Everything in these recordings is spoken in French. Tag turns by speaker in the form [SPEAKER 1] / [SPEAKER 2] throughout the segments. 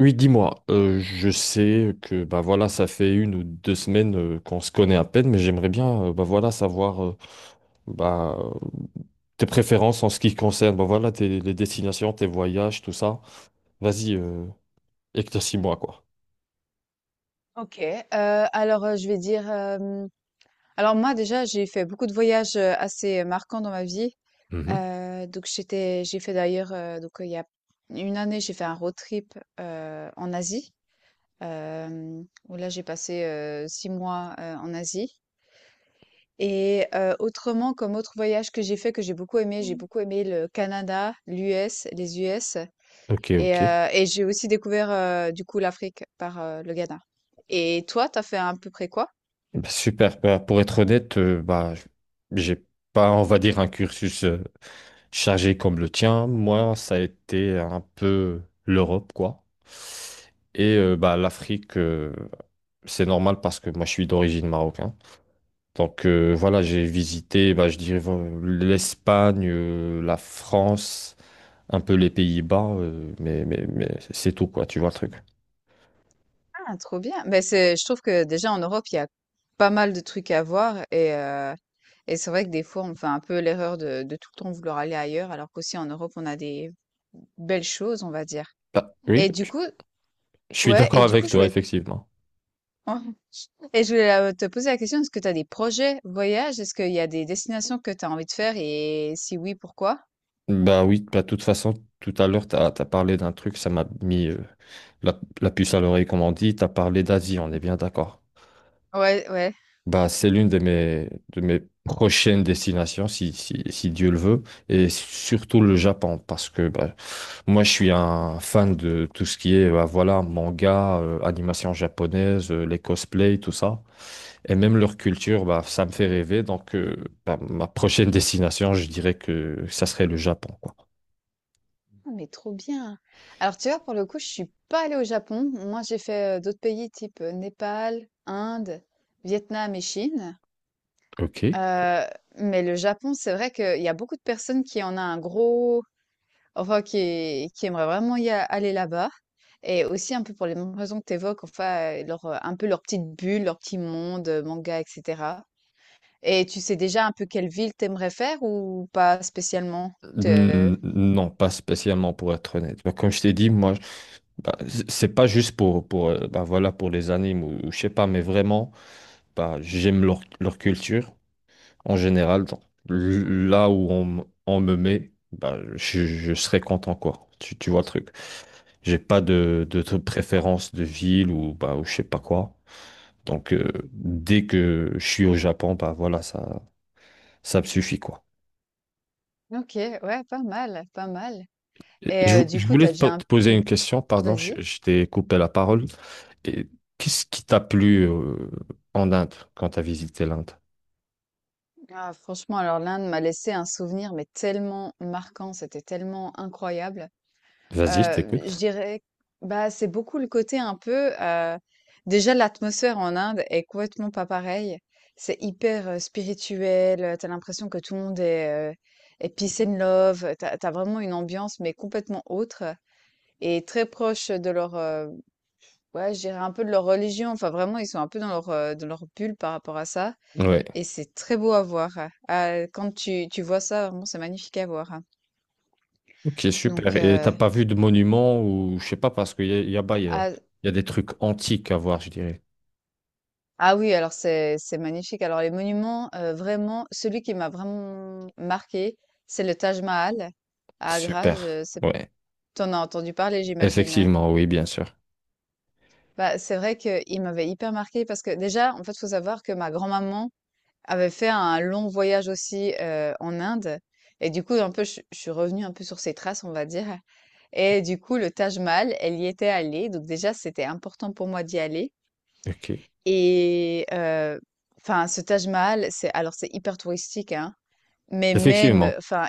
[SPEAKER 1] Oui, dis-moi, je sais que bah voilà, ça fait 1 ou 2 semaines qu'on se connaît à peine, mais j'aimerais bien bah voilà savoir bah, euh, tes préférences en ce qui concerne bah voilà les destinations, tes voyages, tout ça. Vas-y, éclaircis-moi quoi.
[SPEAKER 2] Je vais dire, alors moi déjà j'ai fait beaucoup de voyages, assez marquants dans ma vie,
[SPEAKER 1] Mhm.
[SPEAKER 2] donc j'ai fait d'ailleurs, il y a une année j'ai fait un road trip, en Asie, où là j'ai passé, 6 mois, en Asie. Et autrement comme autre voyage que j'ai fait, que j'ai beaucoup aimé le Canada, l'US, les US.
[SPEAKER 1] Ok,
[SPEAKER 2] et
[SPEAKER 1] ok. Eh
[SPEAKER 2] heu et j'ai aussi découvert, du coup, l'Afrique par, le Ghana. Et toi, t'as fait à peu près quoi?
[SPEAKER 1] ben, super. Bah, pour être honnête, j'ai pas, on va dire, un cursus chargé comme le tien. Moi, ça a été un peu l'Europe quoi. Et bah l'Afrique. C'est normal parce que moi je suis d'origine marocaine. Donc voilà, j'ai visité, bah, je dirais, l'Espagne, la France, un peu les Pays-Bas, mais c'est tout quoi, tu vois le truc.
[SPEAKER 2] Ah, trop bien. Ben c'est, je trouve que déjà en Europe, il y a pas mal de trucs à voir, et c'est vrai que des fois, on fait un peu l'erreur de tout le temps vouloir aller ailleurs, alors qu'aussi en Europe, on a des belles choses, on va dire.
[SPEAKER 1] Bah, oui,
[SPEAKER 2] Et du coup,
[SPEAKER 1] je suis
[SPEAKER 2] ouais,
[SPEAKER 1] d'accord
[SPEAKER 2] et du coup,
[SPEAKER 1] avec
[SPEAKER 2] je
[SPEAKER 1] toi,
[SPEAKER 2] voulais,
[SPEAKER 1] effectivement.
[SPEAKER 2] et je voulais te poser la question, est-ce que tu as des projets voyages? Est-ce qu'il y a des destinations que tu as envie de faire et si oui, pourquoi?
[SPEAKER 1] Bah oui, bah, de toute façon, tout à l'heure, tu as, parlé d'un truc, ça m'a mis la puce à l'oreille, comme on dit, tu as parlé d'Asie, on est bien d'accord.
[SPEAKER 2] Ouais, ouais.
[SPEAKER 1] Bah, c'est l'une de mes prochaines destinations, si Dieu le veut, et surtout le Japon, parce que bah, moi, je suis un fan de tout ce qui est, bah, voilà, manga, animation japonaise, les cosplays, tout ça. Et même leur culture, bah, ça me fait rêver. Donc, bah, ma prochaine destination, je dirais que ça serait le Japon, quoi.
[SPEAKER 2] Ah, mais trop bien! Alors, tu vois, pour le coup, je suis pas allée au Japon. Moi, j'ai fait, d'autres pays type, Népal, Inde, Vietnam et Chine.
[SPEAKER 1] Ok. Ok.
[SPEAKER 2] Heu, mais le Japon, c'est vrai qu'il y a beaucoup de personnes qui en a un gros, enfin, qui aimeraient vraiment y a aller là-bas, et aussi un peu pour les mêmes raisons que tu évoques, enfin, leur, un peu leur petite bulle, leur petit monde, manga et cetera. Et tu sais déjà un peu quelle ville t'aimerais faire ou pas spécialement? Te
[SPEAKER 1] N- Non, pas spécialement pour être honnête. Bah, comme je t'ai dit, bah, c'est pas juste pour, bah, voilà, pour les animes ou je sais pas, mais vraiment, bah, j'aime leur culture. En général, là où on me met, bah, je serai content, quoi. Tu vois le truc. J'ai pas de préférence de ville ou, bah, ou je sais pas quoi. Donc, dès que je suis au Japon, bah voilà, ça me suffit, quoi.
[SPEAKER 2] OK, ouais, pas mal, pas mal.
[SPEAKER 1] Et Je, vou-
[SPEAKER 2] Du
[SPEAKER 1] je
[SPEAKER 2] coup,
[SPEAKER 1] voulais
[SPEAKER 2] t'as déjà un
[SPEAKER 1] te poser
[SPEAKER 2] peu...
[SPEAKER 1] une question, pardon,
[SPEAKER 2] Vas-y.
[SPEAKER 1] je t'ai coupé la parole. Et qu'est-ce qui t'a plu, en Inde quand t'as visité l'Inde?
[SPEAKER 2] Ah, franchement, alors l'Inde m'a laissé un souvenir, mais tellement marquant, c'était tellement incroyable.
[SPEAKER 1] Vas-y, je
[SPEAKER 2] Je
[SPEAKER 1] t'écoute.
[SPEAKER 2] dirais, bah, c'est beaucoup le côté un peu... déjà, l'atmosphère en Inde est complètement pas pareille. C'est hyper spirituel, t'as l'impression que tout le monde est, est peace and love, t'as vraiment une ambiance, mais complètement autre. Et très proche de leur, ouais, je dirais un peu de leur religion. Enfin, vraiment, ils sont un peu dans leur bulle par rapport à ça.
[SPEAKER 1] Ouais.
[SPEAKER 2] Et c'est très beau à voir, hein. Ah, quand tu vois ça, vraiment, c'est magnifique à voir, hein.
[SPEAKER 1] Ok, super.
[SPEAKER 2] Donc,
[SPEAKER 1] Et t'as pas vu de monuments ou je sais pas parce qu'il y a, y a, bah, y a-
[SPEAKER 2] ah,
[SPEAKER 1] y a des trucs antiques à voir, je dirais.
[SPEAKER 2] ah oui, alors c'est magnifique. Alors, les monuments, vraiment, celui qui m'a vraiment marqué, c'est le Taj Mahal à Agra.
[SPEAKER 1] Super.
[SPEAKER 2] Je, c'est,
[SPEAKER 1] Ouais.
[SPEAKER 2] t'en as entendu parler, j'imagine, hein.
[SPEAKER 1] Effectivement, oui, bien sûr.
[SPEAKER 2] Bah, c'est vrai qu'il m'avait hyper marqué parce que déjà, en fait, faut savoir que ma grand-maman avait fait un long voyage aussi, en Inde. Et du coup, un peu, je suis revenue un peu sur ses traces, on va dire. Et du coup, le Taj Mahal, elle y était allée, donc déjà, c'était important pour moi d'y aller.
[SPEAKER 1] Ok.
[SPEAKER 2] et heu, enfin, ce Taj Mahal, c'est, alors, c'est hyper touristique, hein, mais même,
[SPEAKER 1] Effectivement.
[SPEAKER 2] enfin,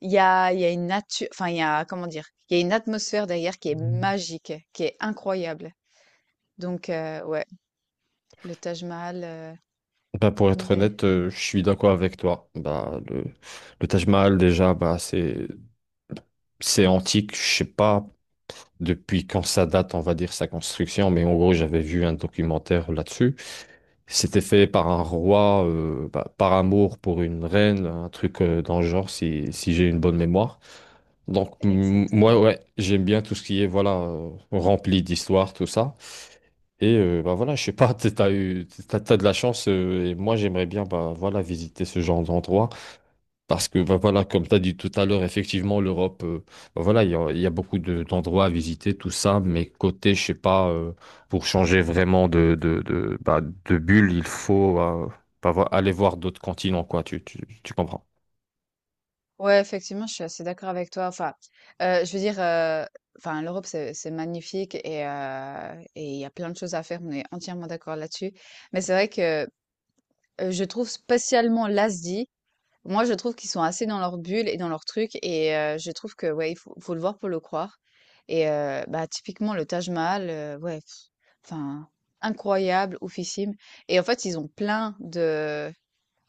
[SPEAKER 2] il y a, une nature, enfin, il y a, comment dire? Il y a une atmosphère derrière qui est magique, qui est incroyable. Donc ouais, le Taj Mahal,
[SPEAKER 1] Bah, pour être
[SPEAKER 2] n
[SPEAKER 1] honnête, je suis d'accord avec toi. Bah, le Taj Mahal, déjà, bah, c'est antique. Je sais pas depuis quand ça date, on va dire, sa construction, mais en gros, j'avais vu un documentaire là-dessus. C'était fait par un roi, bah, par amour pour une reine, un truc dans le genre, si j'ai une bonne mémoire. Donc, moi,
[SPEAKER 2] exactement.
[SPEAKER 1] ouais, j'aime bien tout ce qui est, voilà, rempli d'histoire, tout ça. Et, bah voilà, je sais pas, t'as de la chance, et moi, j'aimerais bien, bah voilà, visiter ce genre d'endroit. Parce que bah, voilà, comme tu as dit tout à l'heure, effectivement, l'Europe, bah, voilà, il y a beaucoup d'endroits à visiter, tout ça, mais côté, je sais pas, pour changer vraiment de bulle, il faut bah, aller voir d'autres continents, quoi, tu comprends.
[SPEAKER 2] Ouais, effectivement, je suis assez d'accord avec toi. Enfin, je veux dire, enfin, l'Europe, c'est magnifique et il y a plein de choses à faire. On est entièrement d'accord là-dessus. Mais c'est vrai que, je trouve spécialement l'Asie, moi, je trouve qu'ils sont assez dans leur bulle et dans leur truc. Je trouve que, ouais, il faut le voir pour le croire. Bah, typiquement, le Taj Mahal, ouais, pff, enfin, incroyable, oufissime. Et en fait, ils ont plein de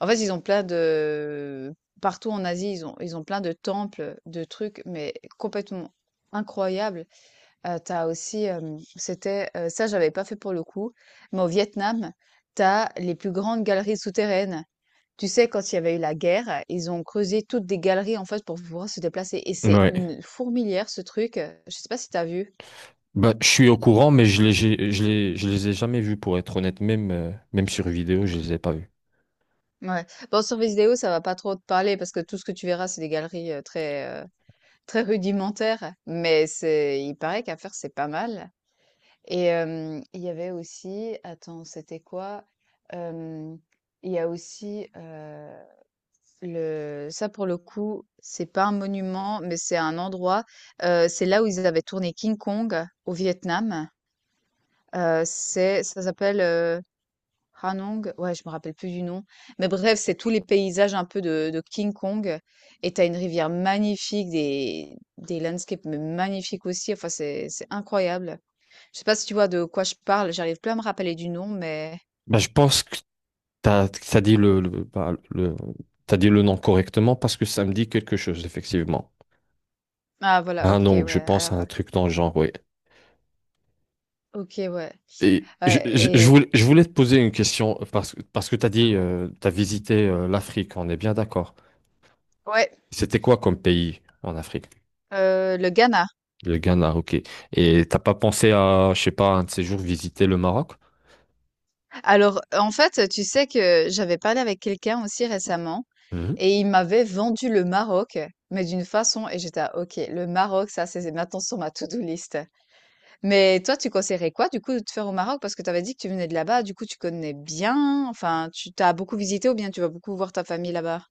[SPEAKER 2] en fait, ils ont plein de, partout en Asie, ils ont, plein de temples, de trucs, mais complètement incroyables. Tu aussi, c'était, ça j'avais pas fait pour le coup, mais au Vietnam, t'as les plus grandes galeries souterraines. Tu sais, quand il y avait eu la guerre, ils ont creusé toutes des galeries, en fait, pour pouvoir se déplacer, et c'est
[SPEAKER 1] Ouais.
[SPEAKER 2] une fourmilière ce truc. Je sais pas si t'as vu?
[SPEAKER 1] Bah, je suis au courant, mais je les, j'ai- je les ai jamais vus, pour être honnête, même, même sur vidéo, je les ai pas vus.
[SPEAKER 2] Ouais. Bon, sur vidéo, ça va pas trop te parler parce que tout ce que tu verras, c'est des galeries, très, très rudimentaire, mais c'est, il paraît qu'à faire, c'est pas mal. Il y avait aussi, attends, c'était quoi? Hem, il y a aussi, le, ça pour le coup, c'est pas un monument, mais c'est un endroit, c'est là où ils avaient tourné King Kong au Vietnam. C'est, ça s'appelle Ranong, ouais, je me rappelle plus du nom. Mais bref, c'est tous les paysages un peu de King Kong. Et t'as une rivière magnifique, des landscapes mais magnifiques aussi. Enfin, c'est incroyable. Je sais pas si tu vois de quoi je parle. J'arrive plus à me rappeler du nom, mais.
[SPEAKER 1] Bah, je pense que t'as, t'as dit le, le, bah, le, t'as dit le nom correctement parce que ça me dit quelque chose, effectivement.
[SPEAKER 2] Ah, voilà,
[SPEAKER 1] Ah
[SPEAKER 2] ok,
[SPEAKER 1] non, je
[SPEAKER 2] ouais.
[SPEAKER 1] pense à
[SPEAKER 2] Alors,
[SPEAKER 1] un truc dans le genre, oui.
[SPEAKER 2] ok, ouais.
[SPEAKER 1] Et
[SPEAKER 2] Ouais, et.
[SPEAKER 1] je voulais te poser une question parce que tu as dit, tu as visité l'Afrique, on est bien d'accord.
[SPEAKER 2] Ouais,
[SPEAKER 1] C'était quoi comme pays en Afrique?
[SPEAKER 2] le Ghana.
[SPEAKER 1] Le Ghana, ok. Et t'as pas pensé à, je sais pas, un de ces jours visiter le Maroc?
[SPEAKER 2] Alors, en fait, tu sais que j'avais parlé avec quelqu'un aussi récemment
[SPEAKER 1] Mhm.
[SPEAKER 2] et il m'avait vendu le Maroc, mais d'une façon, et j'étais à, OK, le Maroc, ça, c'est maintenant sur ma to-do list. Mais toi, tu conseillerais quoi, du coup, de te faire au Maroc? Parce que tu avais dit que tu venais de là-bas, du coup, tu connais bien, enfin, tu t'as beaucoup visité ou bien tu vas beaucoup voir ta famille là-bas.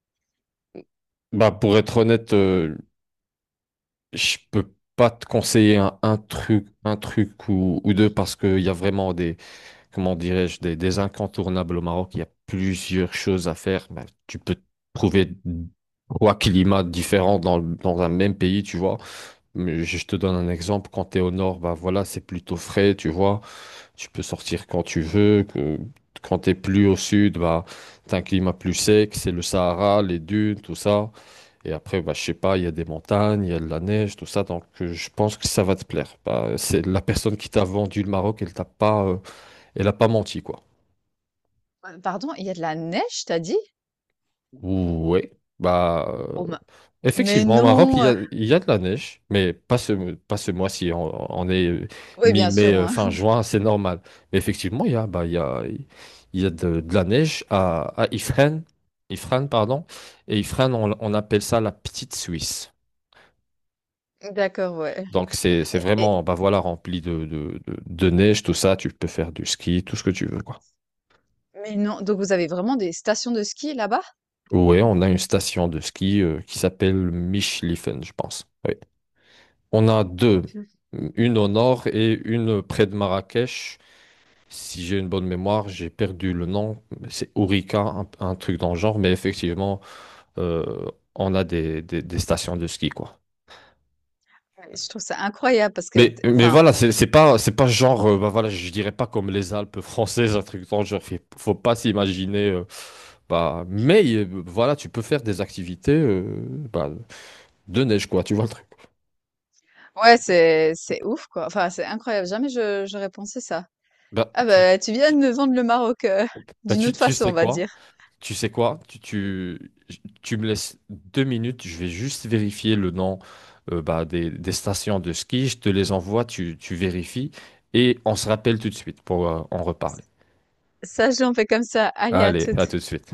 [SPEAKER 1] Bah, pour être honnête, je peux pas te conseiller un truc ou deux parce qu'il y a vraiment comment dirais-je, des incontournables au Maroc. Il y a plusieurs choses à faire. Ben, tu peux trouver trois climats différents dans un même pays, tu vois. Mais je te donne un exemple. Quand tu es au nord, bah voilà, c'est plutôt frais, tu vois. Tu peux sortir quand tu veux. Quand tu es plus au sud, bah, tu as un climat plus sec, c'est le Sahara, les dunes, tout ça. Et après, bah, je sais pas, il y a des montagnes, il y a de la neige, tout ça. Donc, je pense que ça va te plaire. Bah, c'est la personne qui t'a vendu le Maroc, elle t'a pas, elle a pas menti, quoi.
[SPEAKER 2] Pardon, il y a de la neige, t'as dit?
[SPEAKER 1] Ouais. Bah,
[SPEAKER 2] Oh Ma- mais
[SPEAKER 1] effectivement, au Maroc,
[SPEAKER 2] non!
[SPEAKER 1] il y a de la neige, mais pas ce mois-ci. On est
[SPEAKER 2] Oui, bien
[SPEAKER 1] mi-mai,
[SPEAKER 2] sûr, hein.
[SPEAKER 1] fin juin, c'est normal. Mais effectivement, il y a, bah, il y a de la neige à Ifrane, Ifrane, pardon. Et Ifrane, on appelle ça la petite Suisse.
[SPEAKER 2] D'accord, ouais.
[SPEAKER 1] Donc, c'est
[SPEAKER 2] Et- et-
[SPEAKER 1] vraiment, bah voilà, rempli de neige, tout ça. Tu peux faire du ski, tout ce que tu veux, quoi.
[SPEAKER 2] mais non, donc vous avez vraiment des stations de ski là-bas?
[SPEAKER 1] Ouais, on a une station de ski qui s'appelle Michlifen, je pense. Ouais. On a deux, une au nord et une près de Marrakech. Si j'ai une bonne mémoire, j'ai perdu le nom. C'est Ourika, un truc dans le genre, mais effectivement, euh, on a des, des stations de ski, quoi.
[SPEAKER 2] Ouais, je trouve ça incroyable parce que,
[SPEAKER 1] Mais
[SPEAKER 2] enfin,
[SPEAKER 1] voilà, c'est pas genre, bah voilà, je dirais pas comme les Alpes françaises, un truc dans le genre. Faut pas s'imaginer. euh,, bah, mais voilà, tu peux faire des activités bah, de neige, quoi, tu vois le truc.
[SPEAKER 2] ouais, c'est ouf quoi. Enfin, c'est incroyable. Jamais je j'aurais pensé ça.
[SPEAKER 1] Bah,
[SPEAKER 2] Ah bah, tu viens
[SPEAKER 1] tu-
[SPEAKER 2] de me vendre le Maroc, d'une autre
[SPEAKER 1] tu
[SPEAKER 2] façon, on
[SPEAKER 1] sais
[SPEAKER 2] va
[SPEAKER 1] quoi?
[SPEAKER 2] dire.
[SPEAKER 1] Tu sais quoi? Tu me laisses 2 minutes, je vais juste vérifier le nom bah, des stations de ski, je te les envoie, tu vérifies et on se rappelle tout de suite pour en reparler.
[SPEAKER 2] Ça, j'en fais comme ça. Allez, à
[SPEAKER 1] Allez, à
[SPEAKER 2] toutes.
[SPEAKER 1] tout de suite.